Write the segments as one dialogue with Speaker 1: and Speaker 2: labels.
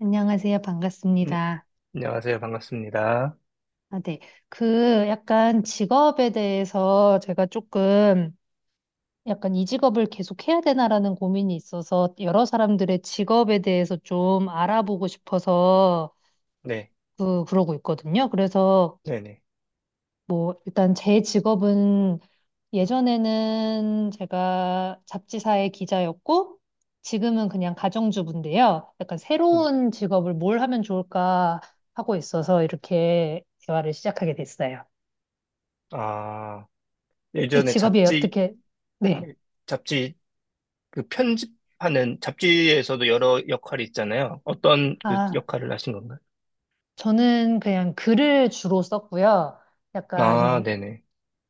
Speaker 1: 안녕하세요.
Speaker 2: 네,
Speaker 1: 반갑습니다.
Speaker 2: 안녕하세요. 반갑습니다.
Speaker 1: 아, 네. 약간 직업에 대해서 제가 조금 약간 이 직업을 계속 해야 되나라는 고민이 있어서 여러 사람들의 직업에 대해서 좀 알아보고 싶어서
Speaker 2: 네,
Speaker 1: 그러고 있거든요. 그래서
Speaker 2: 네네.
Speaker 1: 뭐 일단 제 직업은 예전에는 제가 잡지사의 기자였고 지금은 그냥 가정주부인데요. 약간
Speaker 2: 네.
Speaker 1: 새로운 직업을 뭘 하면 좋을까 하고 있어서 이렇게 대화를 시작하게 됐어요.
Speaker 2: 아,
Speaker 1: 제
Speaker 2: 예전에
Speaker 1: 직업이
Speaker 2: 잡지,
Speaker 1: 어떻게, 네.
Speaker 2: 잡지, 그 편집하는, 잡지에서도 여러 역할이 있잖아요. 어떤 그
Speaker 1: 아,
Speaker 2: 역할을 하신 건가요?
Speaker 1: 저는 그냥 글을 주로 썼고요.
Speaker 2: 아,
Speaker 1: 약간
Speaker 2: 네네.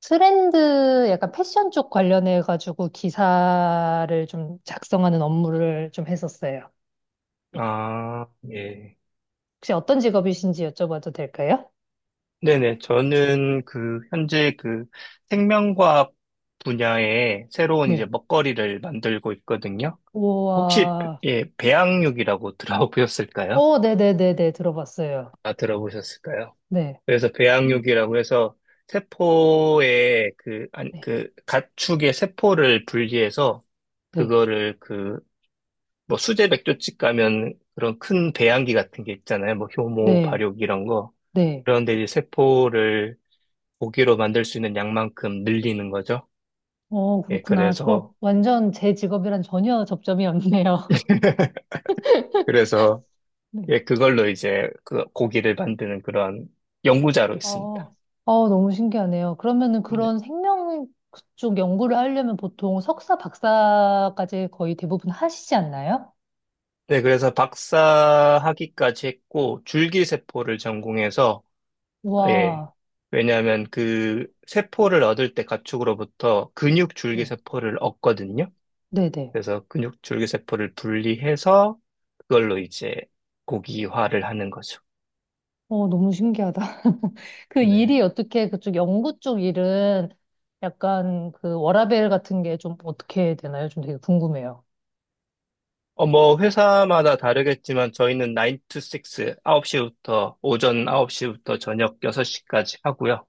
Speaker 1: 트렌드, 약간 패션 쪽 관련해가지고 기사를 좀 작성하는 업무를 좀 했었어요.
Speaker 2: 아, 예.
Speaker 1: 혹시 어떤 직업이신지 여쭤봐도 될까요?
Speaker 2: 네네. 저는 그, 현재 그 생명과학 분야에 새로운 이제
Speaker 1: 네.
Speaker 2: 먹거리를 만들고 있거든요. 혹시,
Speaker 1: 우와.
Speaker 2: 예, 배양육이라고 들어보셨을까요?
Speaker 1: 어, 네네네네. 들어봤어요.
Speaker 2: 아, 들어보셨을까요?
Speaker 1: 네.
Speaker 2: 그래서
Speaker 1: 어,
Speaker 2: 배양육이라고 해서 세포의 그, 안,
Speaker 1: 네.
Speaker 2: 그 가축의 세포를 분리해서
Speaker 1: 네.
Speaker 2: 그거를 그, 뭐 수제 맥조집 가면 그런 큰 배양기 같은 게 있잖아요. 뭐 효모,
Speaker 1: 네.
Speaker 2: 발육 이런 거.
Speaker 1: 네.
Speaker 2: 그런데 이제 세포를 고기로 만들 수 있는 양만큼 늘리는 거죠.
Speaker 1: 어,
Speaker 2: 예,
Speaker 1: 그렇구나. 저
Speaker 2: 그래서,
Speaker 1: 완전 제 직업이랑 전혀 접점이 없네요.
Speaker 2: 그래서,
Speaker 1: 네.
Speaker 2: 예, 그걸로 이제 그 고기를 만드는 그런 연구자로 있습니다.
Speaker 1: 어, 어, 너무 신기하네요. 그러면은
Speaker 2: 네,
Speaker 1: 그런 생명 쪽 연구를 하려면 보통 석사, 박사까지 거의 대부분 하시지 않나요?
Speaker 2: 네, 그래서 박사학위까지 했고, 줄기세포를 전공해서 예.
Speaker 1: 와,
Speaker 2: 왜냐하면 그 세포를 얻을 때 가축으로부터 근육 줄기
Speaker 1: 네,
Speaker 2: 세포를 얻거든요.
Speaker 1: 네네.
Speaker 2: 그래서 근육 줄기 세포를 분리해서 그걸로 이제 고기화를 하는 거죠.
Speaker 1: 어, 너무 신기하다. 그
Speaker 2: 네.
Speaker 1: 일이 어떻게 그쪽 연구 쪽 일은 약간 그 워라밸 같은 게 좀 어떻게 되나요? 좀 되게 궁금해요.
Speaker 2: 뭐 회사마다 다르겠지만 저희는 9 to 6, 홉시부터 오전 9시부터 저녁 6시까지 하고요.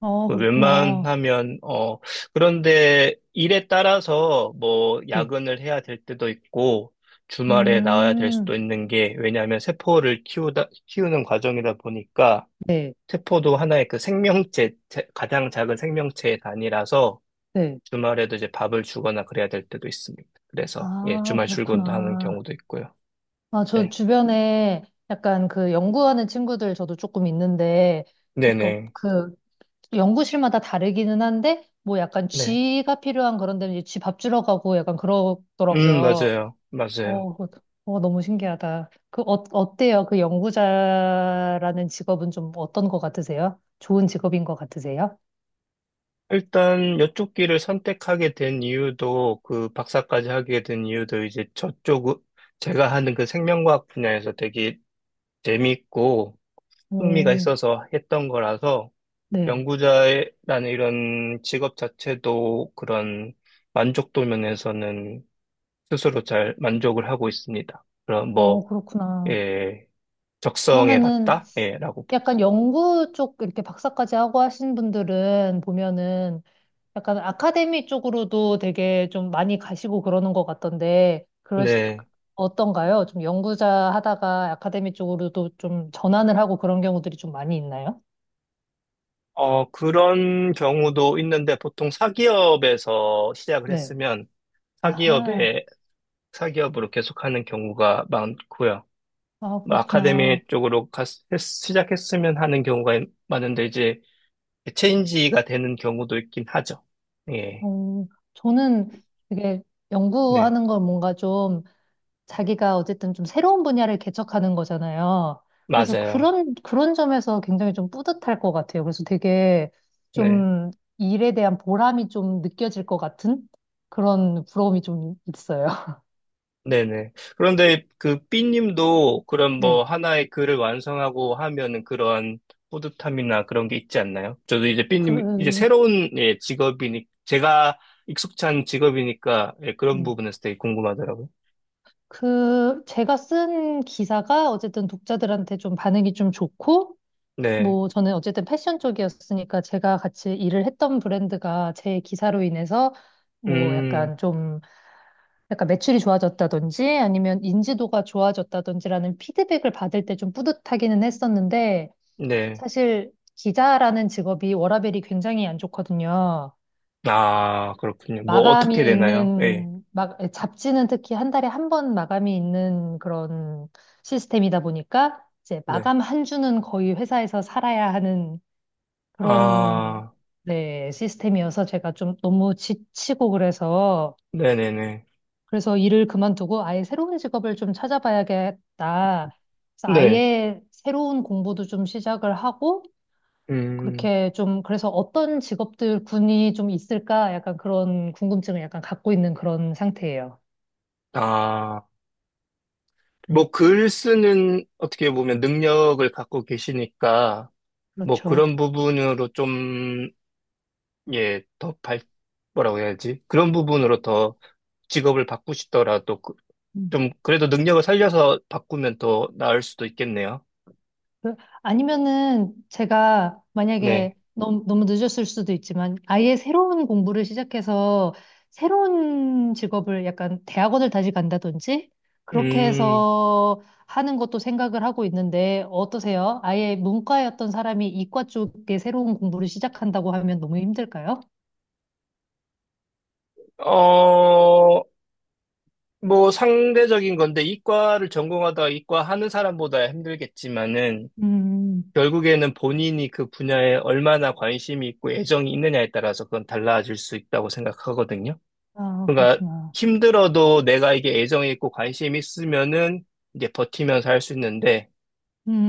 Speaker 1: 아,
Speaker 2: 그
Speaker 1: 그렇구나.
Speaker 2: 웬만하면, 그런데 일에 따라서 뭐
Speaker 1: 네.
Speaker 2: 야근을 해야 될 때도 있고, 주말에 나와야 될 수도
Speaker 1: 음,
Speaker 2: 있는 게, 왜냐하면 세포를 키우는 과정이다 보니까,
Speaker 1: 네,
Speaker 2: 세포도 하나의 그 생명체, 제- 가장 작은 생명체의 단위라서,
Speaker 1: 네.
Speaker 2: 주말에도 이제 밥을 주거나 그래야 될 때도 있습니다. 그래서, 예,
Speaker 1: 아,
Speaker 2: 주말 출근도 하는
Speaker 1: 그렇구나.
Speaker 2: 경우도 있고요.
Speaker 1: 아, 저
Speaker 2: 네.
Speaker 1: 주변에 약간 그 연구하는 친구들 저도 조금 있는데, 그,
Speaker 2: 네네.
Speaker 1: 그 연구실마다 다르기는 한데, 뭐 약간
Speaker 2: 네.
Speaker 1: 쥐가 필요한 그런 데는 이제 쥐밥 주러 가고 약간 그러더라고요.
Speaker 2: 맞아요. 맞아요.
Speaker 1: 어, 그- 어, 너무 신기하다. 그, 어, 어때요? 그 연구자라는 직업은 좀 어떤 것 같으세요? 좋은 직업인 것 같으세요?
Speaker 2: 일단 이쪽 길을 선택하게 된 이유도 그 박사까지 하게 된 이유도 이제 저쪽 제가 하는 그 생명과학 분야에서 되게 재밌고 흥미가
Speaker 1: 음,
Speaker 2: 있어서 했던 거라서
Speaker 1: 네.
Speaker 2: 연구자라는 이런 직업 자체도 그런 만족도 면에서는 스스로 잘 만족을 하고 있습니다. 그럼 뭐,
Speaker 1: 어, 그렇구나.
Speaker 2: 예, 적성에
Speaker 1: 그러면은
Speaker 2: 맞다? 예, 라고 볼 수.
Speaker 1: 약간 연구 쪽 이렇게 박사까지 하고 하신 분들은 보면은 약간 아카데미 쪽으로도 되게 좀 많이 가시고 그러는 것 같던데, 그러
Speaker 2: 네.
Speaker 1: 어떤가요? 좀 연구자 하다가 아카데미 쪽으로도 좀 전환을 하고 그런 경우들이 좀 많이 있나요?
Speaker 2: 그런 경우도 있는데 보통 사기업에서 시작을
Speaker 1: 네.
Speaker 2: 했으면
Speaker 1: 아하.
Speaker 2: 사기업에, 사기업으로 계속하는 경우가 많고요.
Speaker 1: 아,
Speaker 2: 뭐
Speaker 1: 그렇구나.
Speaker 2: 아카데미 쪽으로 시작했으면 하는 경우가 많은데 이제 체인지가 되는 경우도 있긴 하죠. 예,
Speaker 1: 어, 저는 되게
Speaker 2: 네,
Speaker 1: 연구하는 걸 뭔가 좀 자기가 어쨌든 좀 새로운 분야를 개척하는 거잖아요. 그래서
Speaker 2: 맞아요.
Speaker 1: 그런, 그런 점에서 굉장히 좀 뿌듯할 것 같아요. 그래서 되게
Speaker 2: 네.
Speaker 1: 좀 일에 대한 보람이 좀 느껴질 것 같은 그런 부러움이 좀 있어요.
Speaker 2: 네네. 그런데 그 B님도 그런 뭐
Speaker 1: 네.
Speaker 2: 하나의 글을 완성하고 하면은 그런 뿌듯함이나 그런 게 있지 않나요? 저도 이제
Speaker 1: 그,
Speaker 2: B님, 이제 새로운 예, 직업이니, 제가 익숙한 직업이니까 예, 그런
Speaker 1: 네.
Speaker 2: 부분에서 되게 궁금하더라고요.
Speaker 1: 그, 제가 쓴 기사가 어쨌든 독자들한테 좀 반응이 좀 좋고,
Speaker 2: 네.
Speaker 1: 뭐, 저는 어쨌든 패션 쪽이었으니까 제가 같이 일을 했던 브랜드가 제 기사로 인해서 뭐
Speaker 2: 음,
Speaker 1: 약간 좀 약간 매출이 좋아졌다든지 아니면 인지도가 좋아졌다든지라는 피드백을 받을 때 좀 뿌듯하기는 했었는데
Speaker 2: 네.
Speaker 1: 사실 기자라는 직업이 워라밸이 굉장히 안 좋거든요.
Speaker 2: 아, 그렇군요. 뭐 어떻게
Speaker 1: 마감이
Speaker 2: 되나요? 예.
Speaker 1: 있는, 막, 잡지는 특히 한 달에 한 번 마감이 있는 그런 시스템이다 보니까 이제
Speaker 2: 네.
Speaker 1: 마감 한 주는 거의 회사에서 살아야 하는 그런
Speaker 2: 아,
Speaker 1: 네, 시스템이어서 제가 좀 너무 지치고 그래서
Speaker 2: 네네네.
Speaker 1: 그래서 일을 그만두고 아예 새로운 직업을 좀 찾아봐야겠다. 그래서
Speaker 2: 네.
Speaker 1: 아예 새로운 공부도 좀 시작을 하고,
Speaker 2: 음,
Speaker 1: 그렇게 좀, 그래서 어떤 직업들 군이 좀 있을까? 약간 그런 궁금증을 약간 갖고 있는 그런 상태예요.
Speaker 2: 아. 뭐, 글 쓰는, 어떻게 보면 능력을 갖고 계시니까, 뭐
Speaker 1: 그렇죠.
Speaker 2: 그런 부분으로 좀, 예, 더 발, 뭐라고 해야지? 그런 부분으로 더 직업을 바꾸시더라도 좀 그래도 능력을 살려서 바꾸면 더 나을 수도 있겠네요.
Speaker 1: 그- 아니면은 제가 만약에
Speaker 2: 네.
Speaker 1: 너무, 너무 늦었을 수도 있지만 아예 새로운 공부를 시작해서 새로운 직업을 약간 대학원을 다시 간다든지 그렇게
Speaker 2: 음,
Speaker 1: 해서 하는 것도 생각을 하고 있는데 어떠세요? 아예 문과였던 사람이 이과 쪽에 새로운 공부를 시작한다고 하면 너무 힘들까요?
Speaker 2: 어, 뭐 상대적인 건데 이과를 전공하다가 이과 하는 사람보다 힘들겠지만은
Speaker 1: 음,
Speaker 2: 결국에는 본인이 그 분야에 얼마나 관심이 있고 애정이 있느냐에 따라서 그건 달라질 수 있다고 생각하거든요.
Speaker 1: 아,
Speaker 2: 그러니까
Speaker 1: 그렇구나.
Speaker 2: 힘들어도 내가 이게 애정이 있고 관심이 있으면은 이제 버티면서 할 수 있는데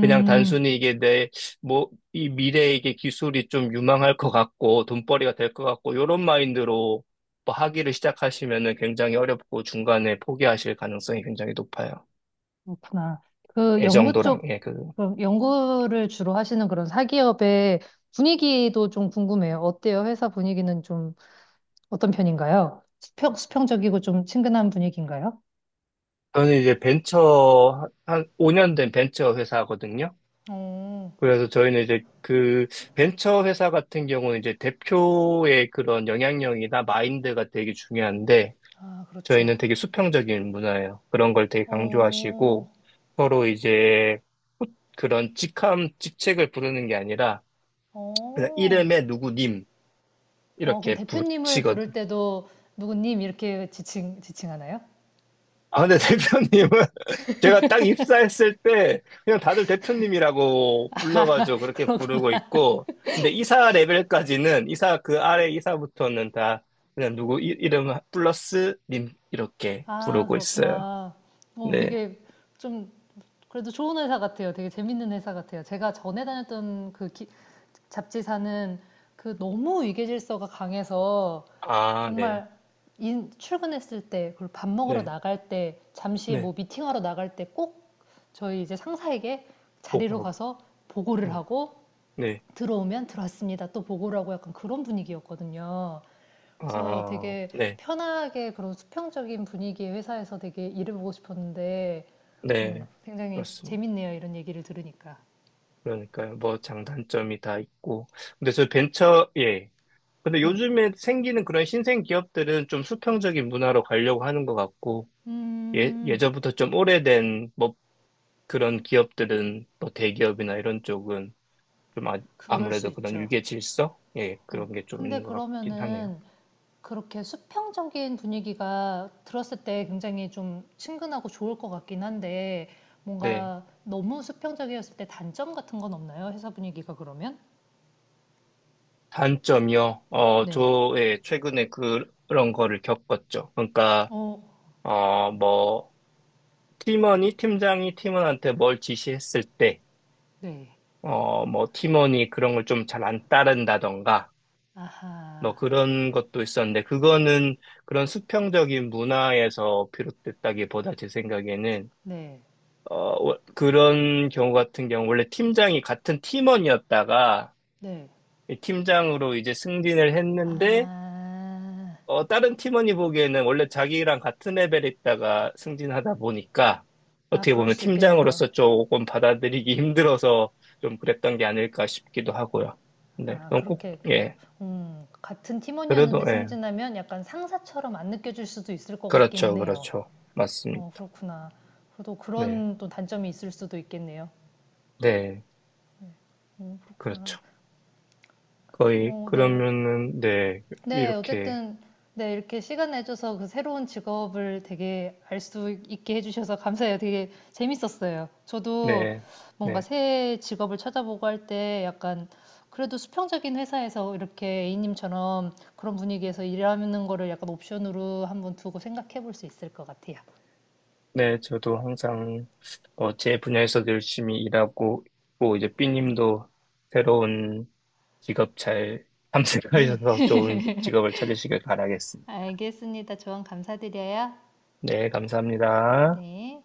Speaker 2: 그냥 단순히 이게 내 뭐 이 미래에 이게 기술이 좀 유망할 것 같고 돈벌이가 될 것 같고 이런 마인드로 뭐기를 시작하시면은 굉장히 어렵고 중간에 포기하실 가능성이 굉장히 높아요.
Speaker 1: 그렇구나. 그 연구
Speaker 2: 애정도랑
Speaker 1: 쪽,
Speaker 2: 예, 그
Speaker 1: 그럼 연구를 주로 하시는 그런 사기업의 분위기도 좀 궁금해요. 어때요? 회사 분위기는 좀 어떤 편인가요? 수평적이고 좀 친근한 분위기인가요?
Speaker 2: 저는 이제 벤처 한 5년 된 벤처 회사거든요.
Speaker 1: 어,
Speaker 2: 그래서 저희는 이제 그 벤처 회사 같은 경우는 이제 대표의 그런 영향력이나 마인드가 되게 중요한데
Speaker 1: 아,
Speaker 2: 저희는
Speaker 1: 그렇죠.
Speaker 2: 되게 수평적인 문화예요. 그런 걸 되게
Speaker 1: 어,
Speaker 2: 강조하시고 서로 이제 후- 그런 직함, 직책을 부르는 게 아니라 그냥
Speaker 1: 어,
Speaker 2: 이름에 누구님
Speaker 1: 어, 그럼
Speaker 2: 이렇게
Speaker 1: 대표님을 부를 때도 누구님 이렇게 지칭하나요?
Speaker 2: 아, 근데 대표님은 제가 딱 입사했을 때 그냥 다들 대표님이라고 불러가지고 그렇게 부르고 있고, 근데 이사 레벨까지는 이사 그 아래 이사부터는 다 그냥 누구 이, 이름 플러스 님 이렇게
Speaker 1: 아,
Speaker 2: 부르고 있어요.
Speaker 1: 그렇구나. 어,
Speaker 2: 네.
Speaker 1: 되게 좀 그래도 좋은 회사 같아요. 되게 재밌는 회사 같아요. 제가 전에 다녔던 잡지사는 그 너무 위계질서가 강해서
Speaker 2: 아, 네.
Speaker 1: 정말 출근했을 때, 그리고 밥 먹으러
Speaker 2: 네.
Speaker 1: 나갈 때, 잠시
Speaker 2: 네.
Speaker 1: 뭐 미팅하러 나갈 때 꼭 저희 이제 상사에게 자리로
Speaker 2: 보고하고.
Speaker 1: 가서 보고를
Speaker 2: 어.
Speaker 1: 하고
Speaker 2: 네.
Speaker 1: 들어오면 들어왔습니다. 또 보고를 하고 약간 그런 분위기였거든요. 그래서
Speaker 2: 아,
Speaker 1: 되게
Speaker 2: 네.
Speaker 1: 편하게 그런 수평적인 분위기의 회사에서 되게 일을 보고 싶었는데
Speaker 2: 네.
Speaker 1: 굉장히
Speaker 2: 그렇습니다.
Speaker 1: 재밌네요. 이런 얘기를 들으니까.
Speaker 2: 그러니까요. 뭐 장단점이 다 있고. 근데 저 벤처, 예. 근데
Speaker 1: 네.
Speaker 2: 요즘에 생기는 그런 신생 기업들은 좀 수평적인 문화로 가려고 하는 것 같고, 예,
Speaker 1: 음,
Speaker 2: 예전부터 좀 오래된 뭐 그런 기업들은 뭐 대기업이나 이런 쪽은 좀 아,
Speaker 1: 그럴 수
Speaker 2: 아무래도 그런
Speaker 1: 있죠.
Speaker 2: 유계 질서? 예,
Speaker 1: 어,
Speaker 2: 그런 게 좀
Speaker 1: 근데
Speaker 2: 있는 것 같긴 하네요.
Speaker 1: 그러면은 그렇게 수평적인 분위기가 들었을 때 굉장히 좀 친근하고 좋을 것 같긴 한데
Speaker 2: 네.
Speaker 1: 뭔가 너무 수평적이었을 때 단점 같은 건 없나요? 회사 분위기가 그러면?
Speaker 2: 단점이요. 어,
Speaker 1: 네.
Speaker 2: 저, 예, 최근에 그런 거를 겪었죠. 그러니까,
Speaker 1: 어,
Speaker 2: 뭐, 팀장이 팀원한테 뭘 지시했을 때,
Speaker 1: 네.
Speaker 2: 뭐, 팀원이 그런 걸 좀 잘 안 따른다던가, 뭐
Speaker 1: 아하.
Speaker 2: 그런 것도 있었는데 그거는 그런 수평적인 문화에서 비롯됐다기보다 제 생각에는
Speaker 1: 네.
Speaker 2: 어 그런 경우 같은 경우 원래 팀장이 같은 팀원이었다가
Speaker 1: 네.
Speaker 2: 이 팀장으로 이제 승진을 했는데
Speaker 1: 아.
Speaker 2: 다른 팀원이 보기에는 원래 자기랑 같은 레벨에 있다가 승진하다 보니까
Speaker 1: 아,
Speaker 2: 어떻게
Speaker 1: 그럴
Speaker 2: 보면
Speaker 1: 수 있겠네요.
Speaker 2: 팀장으로서 조금 받아들이기 힘들어서 좀 그랬던 게 아닐까 싶기도 하고요. 네,
Speaker 1: 아,
Speaker 2: 그럼 꼭,
Speaker 1: 그렇게 그,
Speaker 2: 예,
Speaker 1: 같은
Speaker 2: 그래도,
Speaker 1: 팀원이었는데
Speaker 2: 예,
Speaker 1: 승진하면 약간 상사처럼 안 느껴질 수도 있을 것
Speaker 2: 그렇죠,
Speaker 1: 같기는 해요.
Speaker 2: 그렇죠.
Speaker 1: 어,
Speaker 2: 맞습니다.
Speaker 1: 그렇구나. 그래도
Speaker 2: 네,
Speaker 1: 그런 또 단점이 있을 수도 있겠네요.
Speaker 2: 네,
Speaker 1: 어, 그렇구나.
Speaker 2: 그렇죠. 거의,
Speaker 1: 어, 네.
Speaker 2: 그러면은, 네,
Speaker 1: 네,
Speaker 2: 이렇게,
Speaker 1: 어쨌든, 네, 이렇게 시간 내줘서 그 새로운 직업을 되게 알 수 있게 해주셔서 감사해요. 되게 재밌었어요. 저도
Speaker 2: 네,
Speaker 1: 뭔가
Speaker 2: 네,
Speaker 1: 새 직업을 찾아보고 할 때 약간 그래도 수평적인 회사에서 이렇게 A님처럼 그런 분위기에서 일하는 거를 약간 옵션으로 한번 두고 생각해 볼 수 있을 것 같아요.
Speaker 2: 네, 저도 항상, 제 분야에서 열심히 일하고 있고, 이제 삐님도 새로운 직업 잘
Speaker 1: 네,
Speaker 2: 탐색하셔서 좋은 직업을 찾으시길 바라겠습니다.
Speaker 1: 알겠습니다. 조언 감사드려요.
Speaker 2: 네, 감사합니다.
Speaker 1: 네.